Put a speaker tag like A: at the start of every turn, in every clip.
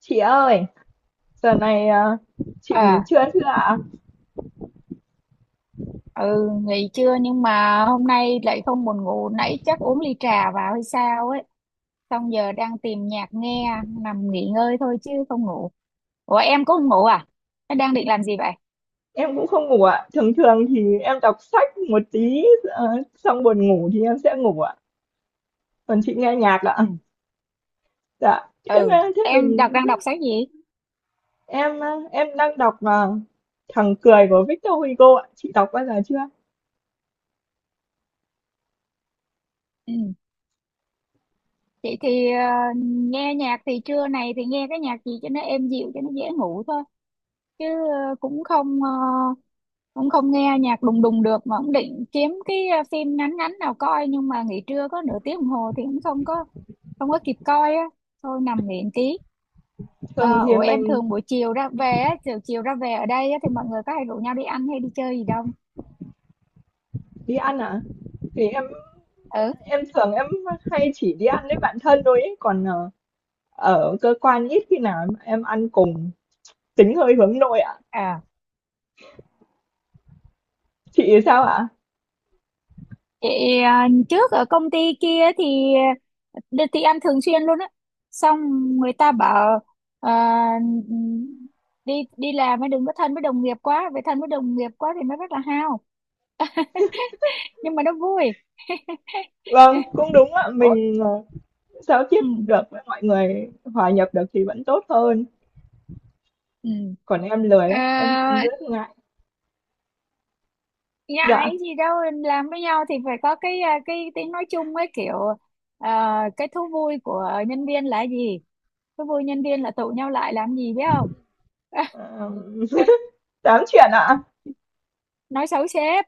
A: Chị ơi, giờ này chị nghỉ
B: À,
A: trưa chưa ạ?
B: ừ, nghỉ trưa nhưng mà hôm nay lại không buồn ngủ, nãy chắc uống ly trà vào hay sao ấy. Xong giờ đang tìm nhạc nghe, nằm nghỉ ngơi thôi chứ không ngủ. Ủa em có ngủ à? Thế đang định làm gì vậy?
A: Em cũng không ngủ ạ. Thường thường thì em đọc sách một tí ờ, xong buồn ngủ thì em sẽ ngủ ạ. Còn chị nghe nhạc
B: Ừ,
A: ạ. Dạ. Thế mà
B: ừ,
A: thế
B: em
A: mình
B: đang đọc sách gì?
A: em à, em đang đọc à, Thằng cười của Victor Hugo ạ. Chị đọc bao giờ chưa?
B: Ừ, chị thì nghe nhạc thì trưa này thì nghe cái nhạc gì cho nó êm dịu cho nó dễ ngủ thôi. Chứ ờ, cũng không ờ, cũng không nghe nhạc đùng đùng được, mà cũng định kiếm cái phim ngắn ngắn nào coi, nhưng mà nghỉ trưa có nửa tiếng đồng hồ thì cũng không có, không có kịp coi á, thôi nằm nghỉ một tí.
A: Thường
B: Ờ,
A: thì
B: Ủa em
A: mình
B: thường buổi chiều ra về á, chiều chiều ra về ở đây á, thì mọi người có hay rủ nhau đi ăn hay đi chơi gì đâu?
A: đi ăn ạ. Thì
B: Ừ.
A: em thường em hay chỉ đi ăn với bạn thân thôi ấy. Còn ở cơ quan ít khi nào em ăn cùng, tính hơi hướng nội ạ.
B: À.
A: Chị sao ạ?
B: Vậy, trước ở công ty kia thì thì ăn thường xuyên luôn á, xong người ta bảo, à, đi đi làm mới đừng có thân với đồng nghiệp quá, vậy thân với đồng nghiệp quá thì nó rất là hao, nhưng mà nó vui.
A: Vâng, cũng đúng ạ,
B: Ủa,
A: mình, giao tiếp
B: ừ,
A: được với mọi người, hòa nhập được thì vẫn tốt hơn,
B: ừ.
A: còn em lười lắm, em
B: À,
A: rất ngại. Dạ,
B: ngại gì đâu, làm với nhau thì phải có cái, cái tiếng nói chung ấy, kiểu cái thú vui của nhân viên là gì, thú vui nhân viên là tụ nhau lại làm gì biết không,
A: ờ, tám chuyện ạ,
B: nói xấu sếp.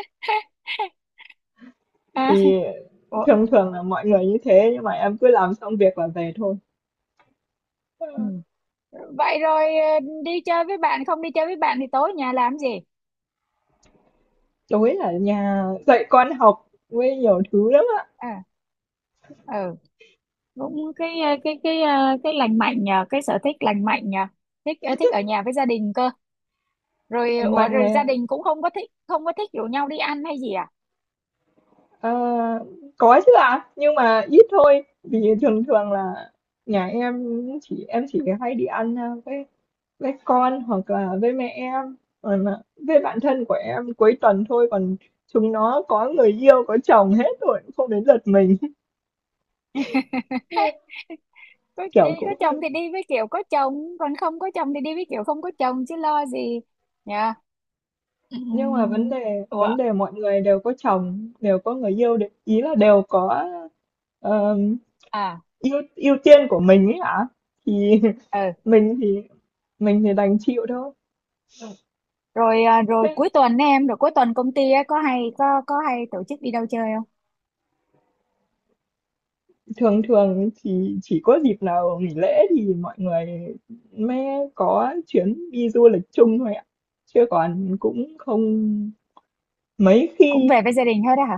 B: À,
A: thì
B: Ủa,
A: thường thường là mọi người như thế nhưng mà em cứ làm xong việc là về thôi. Ờ,
B: ừ. Vậy rồi đi chơi với bạn, không đi chơi với bạn thì tối nhà làm gì?
A: tối ở nhà dạy con học với nhiều thứ lắm ạ,
B: À, ừ, cũng cái cái lành mạnh nhờ, cái sở thích lành mạnh nhờ, thích, thích ở nhà với gia đình cơ. Rồi
A: lành
B: ủa,
A: mạnh
B: rồi gia
A: mà.
B: đình cũng không có thích, không có thích rủ nhau đi ăn hay gì à.
A: Ờ, có chứ ạ, nhưng mà ít thôi,
B: Ừ.
A: vì thường thường là nhà em, em chỉ hay đi ăn, a, với con hoặc là với mẹ em, còn là với bạn thân của em cuối tuần thôi, còn chúng nó có người yêu có chồng hết rồi không đến lượt mình.
B: Có, đi,
A: Kiểu
B: có
A: cũng hơi,
B: chồng thì đi với kiểu có chồng, còn không có chồng thì đi với kiểu không có chồng, chứ lo gì nhờ.
A: nhưng mà vấn
B: Ừm,
A: đề
B: ủa,
A: vấn đề mọi người đều có chồng đều có người yêu ý là đều có, ờm,
B: à,
A: ưu ưu tiên của mình ấy hả, thì
B: ừ,
A: mình thì mình thì đành chịu thôi.
B: rồi, à, rồi cuối tuần ấy em rồi cuối tuần công ty á, có hay có hay tổ chức đi đâu chơi không?
A: Thường thường thì chỉ có dịp nào nghỉ lễ thì mọi người mới có chuyến đi du lịch chung thôi ạ, chứ còn cũng không mấy
B: Cũng
A: khi.
B: về với gia đình hết á hả?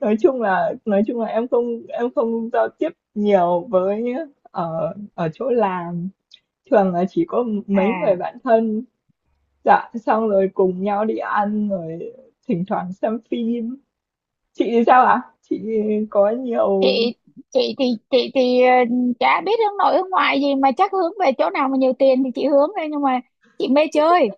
A: Nói chung là em không, em không giao tiếp nhiều với, ở ở chỗ làm thường là chỉ có mấy người
B: À,
A: bạn thân, dạ xong rồi cùng nhau đi ăn, rồi thỉnh thoảng xem phim. Chị thì sao ạ? Chị có nhiều
B: chị chị thì chị thì chả biết hướng nội hướng ngoại gì, mà chắc hướng về chỗ nào mà nhiều tiền thì chị hướng thôi, nhưng mà chị mê chơi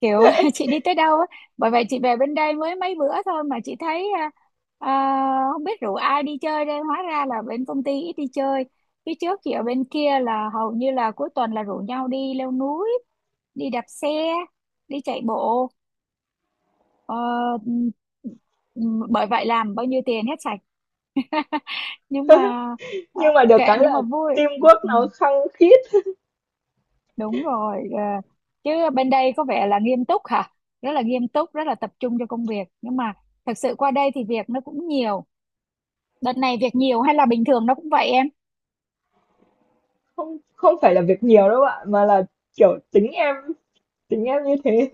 B: kiểu, chị đi tới đâu á, bởi vậy chị về bên đây mới mấy bữa thôi mà chị thấy, không biết rủ ai đi chơi đây, hóa ra là bên công ty ít đi chơi. Phía trước chị ở bên kia là hầu như là cuối tuần là rủ nhau đi leo núi, đi đạp xe, đi chạy bộ, ờ, ừ, bởi vậy làm bao nhiêu tiền hết sạch, nhưng mà ờ,
A: nhưng mà được
B: kệ,
A: cái
B: nhưng
A: là
B: mà vui.
A: teamwork
B: Ừ,
A: nó khăng khít.
B: đúng rồi, chứ bên đây có vẻ là nghiêm túc hả, rất là nghiêm túc, rất là tập trung cho công việc, nhưng mà thật sự qua đây thì việc nó cũng nhiều. Đợt này việc nhiều hay là bình thường nó cũng vậy em?
A: Không, không phải là việc nhiều đâu bạn, mà là, kiểu, tính em như thế.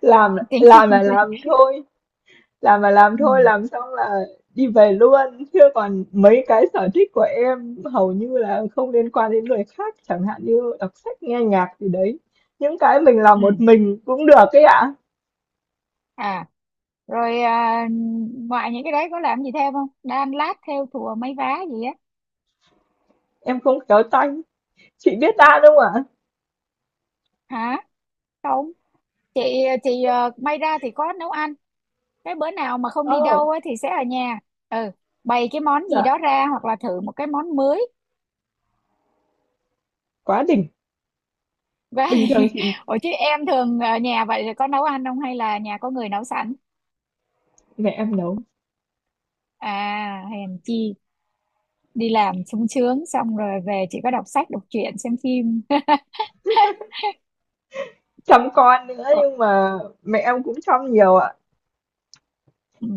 A: Làm
B: Tính
A: làm là làm thôi, làm là làm thôi,
B: ừ,
A: làm xong là đi về luôn, chứ còn mấy cái sở thích của em hầu như là không liên quan đến người khác, chẳng hạn như đọc sách, nghe nhạc gì đấy. Những cái mình làm
B: ừ.
A: một mình cũng được ấy ạ.
B: À, rồi, ngoài những cái đấy có làm gì thêm không, đan lát thêu thùa mấy vá gì á?
A: Em không khéo tay. Chị biết đan không ạ?
B: Hả, không, chị thì may ra thì có nấu ăn, cái bữa nào mà không
A: Ồ,
B: đi đâu á, thì sẽ ở nhà, ừ, bày cái món gì
A: dạ,
B: đó ra, hoặc là thử một cái món mới
A: quá đỉnh. Bình
B: vậy.
A: thường chị
B: Ủa chứ em thường ở nhà vậy thì có nấu ăn không, hay là nhà có người nấu sẵn?
A: mẹ em nấu,
B: À, hèn chi, đi làm sung sướng, xong rồi về chỉ có đọc sách đọc truyện xem phim.
A: chăm con nữa
B: Ờ,
A: nhưng mà mẹ em cũng chăm nhiều ạ.
B: ừ.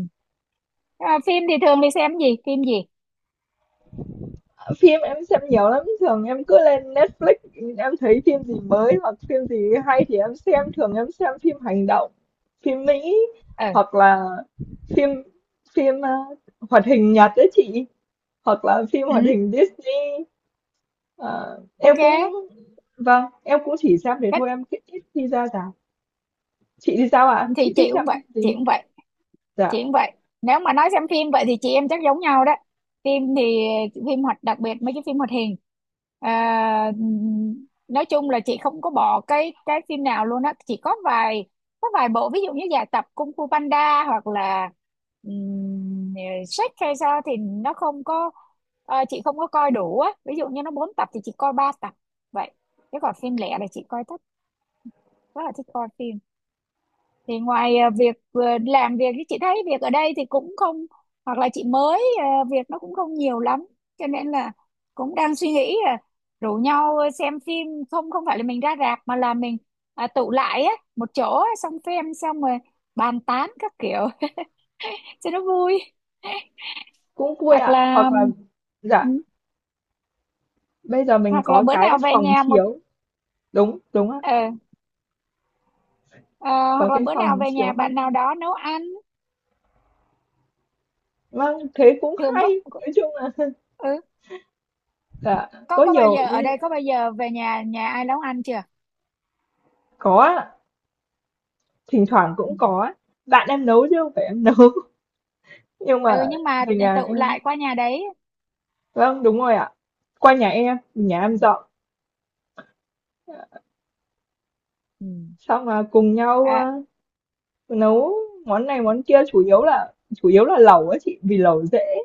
B: À, phim thì thường đi xem gì, phim gì?
A: Phim em xem nhiều lắm, thường em cứ lên Netflix, em thấy phim gì mới hoặc phim gì hay thì em xem, thường em xem phim hành động, phim Mỹ,
B: Ừ,
A: hoặc là phim phim ờ, hoạt hình Nhật đấy chị, hoặc là phim hoạt
B: ừ.
A: hình Disney. Ờ, em
B: Ok.
A: cũng vâng, em cũng chỉ xem thế thôi,
B: Cách-
A: em ít ít khi ra rạp. Chị thì sao ạ?
B: thì
A: Chị thích
B: chị
A: xem
B: cũng vậy,
A: phim
B: chị
A: gì?
B: cũng vậy
A: Dạ,
B: chị cũng vậy nếu mà nói xem phim vậy thì chị em chắc giống nhau đó. Phim thì, phim hoạt, đặc biệt mấy cái phim hoạt hình, à, nói chung là chị không có bỏ cái phim nào luôn á, chỉ có vài, có vài bộ ví dụ như dài tập, Kung Fu Panda hoặc là um, Shrek hay sao, thì nó không có, chị không có coi đủ á, ví dụ như nó 4 tập thì chị coi 3 tập vậy. Chứ còn phim lẻ là chị coi thích, rất là thích coi phim. Thì ngoài làm việc thì chị thấy việc ở đây thì cũng không, hoặc là chị mới, việc nó cũng không nhiều lắm, cho nên là cũng đang suy nghĩ là rủ nhau xem phim, không không phải là mình ra rạp mà là mình, à, tụ lại á một chỗ á, xong xem xong rồi bàn tán các kiểu, cho nó vui.
A: cũng vui
B: Hoặc
A: ạ, hoặc
B: là,
A: là
B: ừ,
A: dạ, bây giờ mình
B: hoặc là
A: có
B: bữa
A: cái
B: nào về
A: phòng
B: nhà một
A: chiếu, đúng đúng ạ,
B: ờ, ờ,
A: có
B: hoặc là
A: cái
B: bữa nào
A: phòng
B: về
A: chiếu
B: nhà bạn nào
A: mini.
B: đó nấu ăn
A: Vâng, thế cũng
B: thường
A: hay.
B: có.
A: Nói chung là
B: Ừ,
A: dạ, có
B: có bao
A: nhiều ý.
B: giờ ở đây có bao giờ về nhà nhà ai nấu ăn chưa?
A: Có ạ, thỉnh thoảng
B: Ừ,
A: cũng có á. Bạn em nấu chứ không phải em nấu. Nhưng mà
B: ừ, nhưng mà
A: về nhà
B: tụ
A: em.
B: lại qua nhà đấy.
A: Vâng, đúng rồi ạ. Qua nhà
B: Ừ,
A: em dọn.
B: ừ,
A: Xong là cùng nhau
B: à,
A: nấu món này món kia, chủ yếu là lẩu á chị, vì lẩu dễ,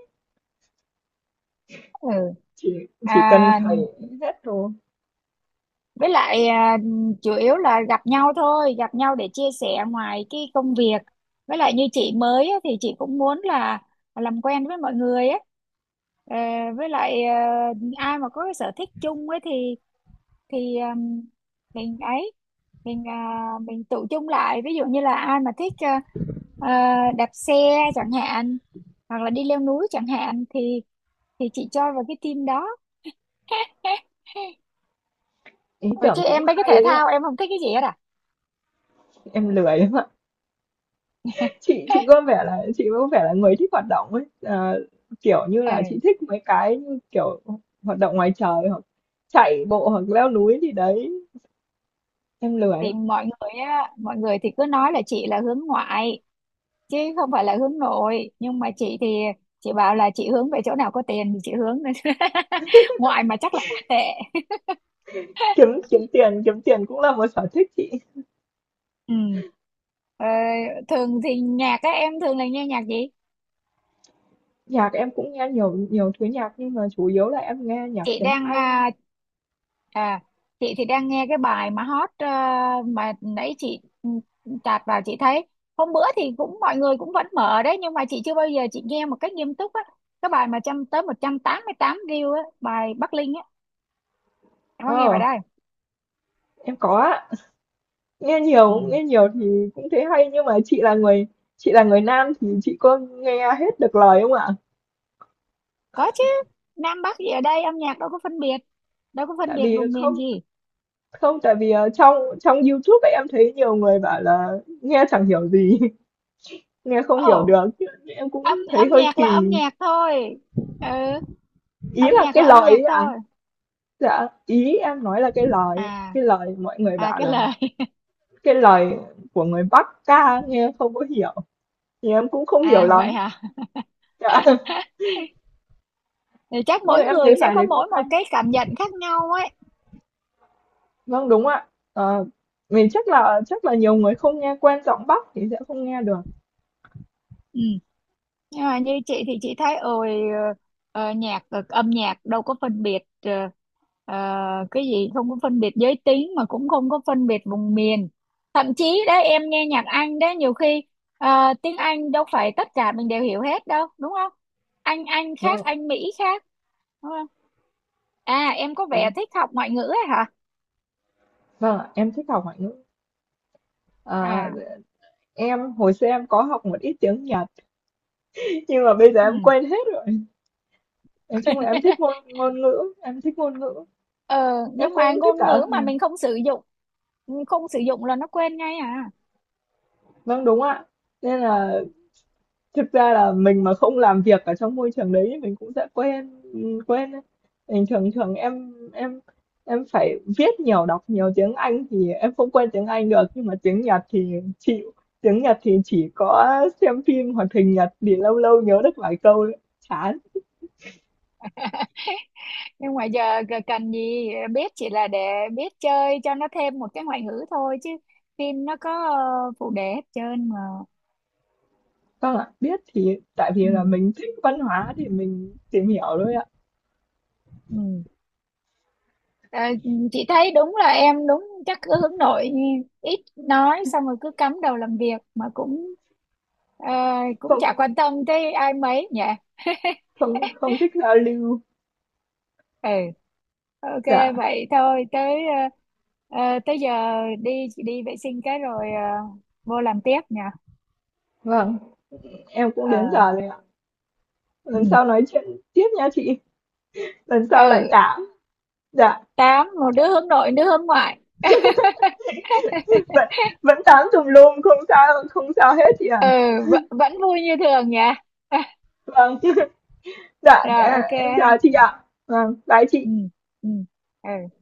B: ừ,
A: chỉ
B: à,
A: chỉ cần thầy hết đồ.
B: với lại chủ yếu là gặp nhau thôi, gặp nhau để chia sẻ ngoài cái công việc. Với lại như chị mới á, thì chị cũng muốn là làm quen với mọi người á. Ờ, với lại ai mà có cái sở thích chung ấy thì, thì um, mình ấy, mình tụ chung lại, ví dụ như là ai mà thích, đạp xe chẳng hạn, hoặc là đi leo núi chẳng hạn, thì chị cho vào cái team đó.
A: Ý
B: Ủa
A: tưởng
B: chứ
A: cũng
B: em mấy cái
A: hay
B: thể
A: đấy ạ.
B: thao em không thích cái gì hết à?
A: Em lười lắm ạ. Chị có vẻ là chị có vẻ là người thích hoạt động ấy, kiểu như
B: Ừ.
A: là, chị thích mấy cái như, kiểu, hoạt động ngoài trời hoặc chạy bộ hoặc leo núi gì đấy, em lười lắm.
B: Thì mọi người á, mọi người thì cứ nói là chị là hướng ngoại chứ không phải là hướng nội, nhưng mà chị thì, chị bảo là chị hướng về chỗ nào có tiền thì chị hướng, ngoại mà chắc là ngoại tệ.
A: Kiếm kiếm tiền cũng là một sở thích chị.
B: Ừ. Ờ, thường thì nhạc á, em thường là nghe nhạc gì?
A: Nhạc em cũng nghe nhiều, nhiều thứ nhạc nhưng mà chủ yếu là em nghe nhạc
B: chị
A: tiếng
B: đang
A: Anh.
B: à, à chị thì đang nghe cái bài mà hot, mà nãy chị, chạt vào chị thấy, hôm bữa thì cũng mọi người cũng vẫn mở đấy nhưng mà chị chưa bao giờ chị nghe một cách nghiêm túc á, cái bài mà trăm tới 188 view á, bài Bắc Linh á, em có nghe bài
A: Ờ,
B: đó không?
A: em có ạ. Nghe
B: Ừ.
A: nhiều nghe nhiều thì cũng thấy hay, nhưng mà chị là người, chị là người nam thì chị có nghe hết được lời không ạ?
B: Có chứ, Nam Bắc gì ở đây, âm nhạc đâu có phân biệt, đâu có phân
A: Tại
B: biệt
A: vì
B: vùng
A: không,
B: miền gì.
A: không, tại vì trong trong YouTube ấy, em thấy nhiều người bảo là nghe chẳng hiểu gì, nghe không hiểu
B: Ồ,
A: được. Chứ em cũng
B: âm
A: thấy
B: âm
A: hơi
B: nhạc là âm
A: kỳ.
B: nhạc thôi. Ừ,
A: Ý
B: âm
A: là
B: nhạc
A: cái
B: là âm
A: lời ấy
B: nhạc
A: à?
B: thôi.
A: Dạ, ý em nói là
B: À,
A: cái lời mọi người
B: à,
A: bảo
B: cái
A: là
B: lời.
A: cái lời của người Bắc ca nghe không có hiểu. Thì em cũng không hiểu
B: À vậy
A: lắm.
B: hả.
A: Dạ.
B: Thì chắc
A: Nhưng
B: mỗi
A: em thấy
B: người sẽ
A: bài
B: có
A: đấy cũng
B: mỗi một
A: hay.
B: cái cảm nhận khác nhau ấy.
A: Vâng, đúng ạ. Ờ, mình chắc là nhiều người không nghe quen giọng Bắc thì sẽ không nghe được.
B: Ừ. Nhưng mà như chị thì chị thấy, ôi, ờ, âm nhạc đâu có phân biệt, cái gì không có phân biệt giới tính, mà cũng không có phân biệt vùng miền. Thậm chí đó, em nghe nhạc Anh đó nhiều khi, tiếng Anh đâu phải tất cả mình đều hiểu hết đâu đúng không, Anh Anh khác,
A: Vâng,
B: Anh Mỹ khác, đúng không? À em có vẻ
A: đúng.
B: thích học ngoại ngữ ấy hả?
A: Vâng, ạ, em thích học ngoại ngữ. Ờ,
B: À,
A: hồi xưa em có học một ít tiếng Nhật, nhưng mà bây giờ
B: ừ.
A: em quên hết rồi. Nói chung là em thích ngôn ngôn ngữ, em thích ngôn ngữ,
B: Ờ,
A: em
B: nhưng mà
A: cũng thích
B: ngôn
A: cả âm
B: ngữ mà
A: nhạc.
B: mình không sử dụng, không sử dụng là nó quên ngay à.
A: Vâng đúng ạ. Nên là thực ra là mình mà không làm việc ở trong môi trường đấy thì mình cũng sẽ quên, đấy. Bình thường thường em phải viết nhiều, đọc nhiều tiếng Anh thì em không quên tiếng Anh được, nhưng mà tiếng Nhật thì chịu. Tiếng Nhật thì chỉ có xem phim hoạt hình Nhật thì lâu lâu nhớ được vài câu, ấy. Chán.
B: Nhưng mà giờ cần gì biết, chỉ là để biết chơi cho nó thêm một cái ngoại ngữ thôi, chứ phim nó có phụ đề hết trơn mà.
A: Vâng ạ, biết thì tại vì
B: Ừ,
A: là mình thích văn hóa thì mình tìm hiểu thôi ạ.
B: ừ. Ờ, chị thấy đúng là em chắc cứ hướng nội, ít nói, xong rồi cứ cắm đầu làm việc, mà cũng, ờ, cũng chả
A: Không,
B: quan tâm tới ai mấy nhỉ.
A: không không thích giao lưu.
B: Ừ, ok.
A: Dạ,
B: Vậy thôi tới, tới giờ đi đi vệ sinh cái rồi, vô làm tiếp nha.
A: vâng, em cũng
B: Ờ,
A: đến giờ rồi ạ. Lần
B: ừ,
A: sau nói chuyện tiếp nha chị. Lần sau lại
B: ừ,
A: tám. Dạ,
B: tám một đứa hướng nội đứa hướng ngoại.
A: vẫn, vẫn tám tùm lum, không sao không sao hết chị ạ.
B: Ừ, vẫn vui như thường nhỉ.
A: Vâng. Dạ,
B: Rồi, ok
A: em chào
B: ha.
A: chị ạ. Vâng, bye chị.
B: Ừ, ừ, ừ.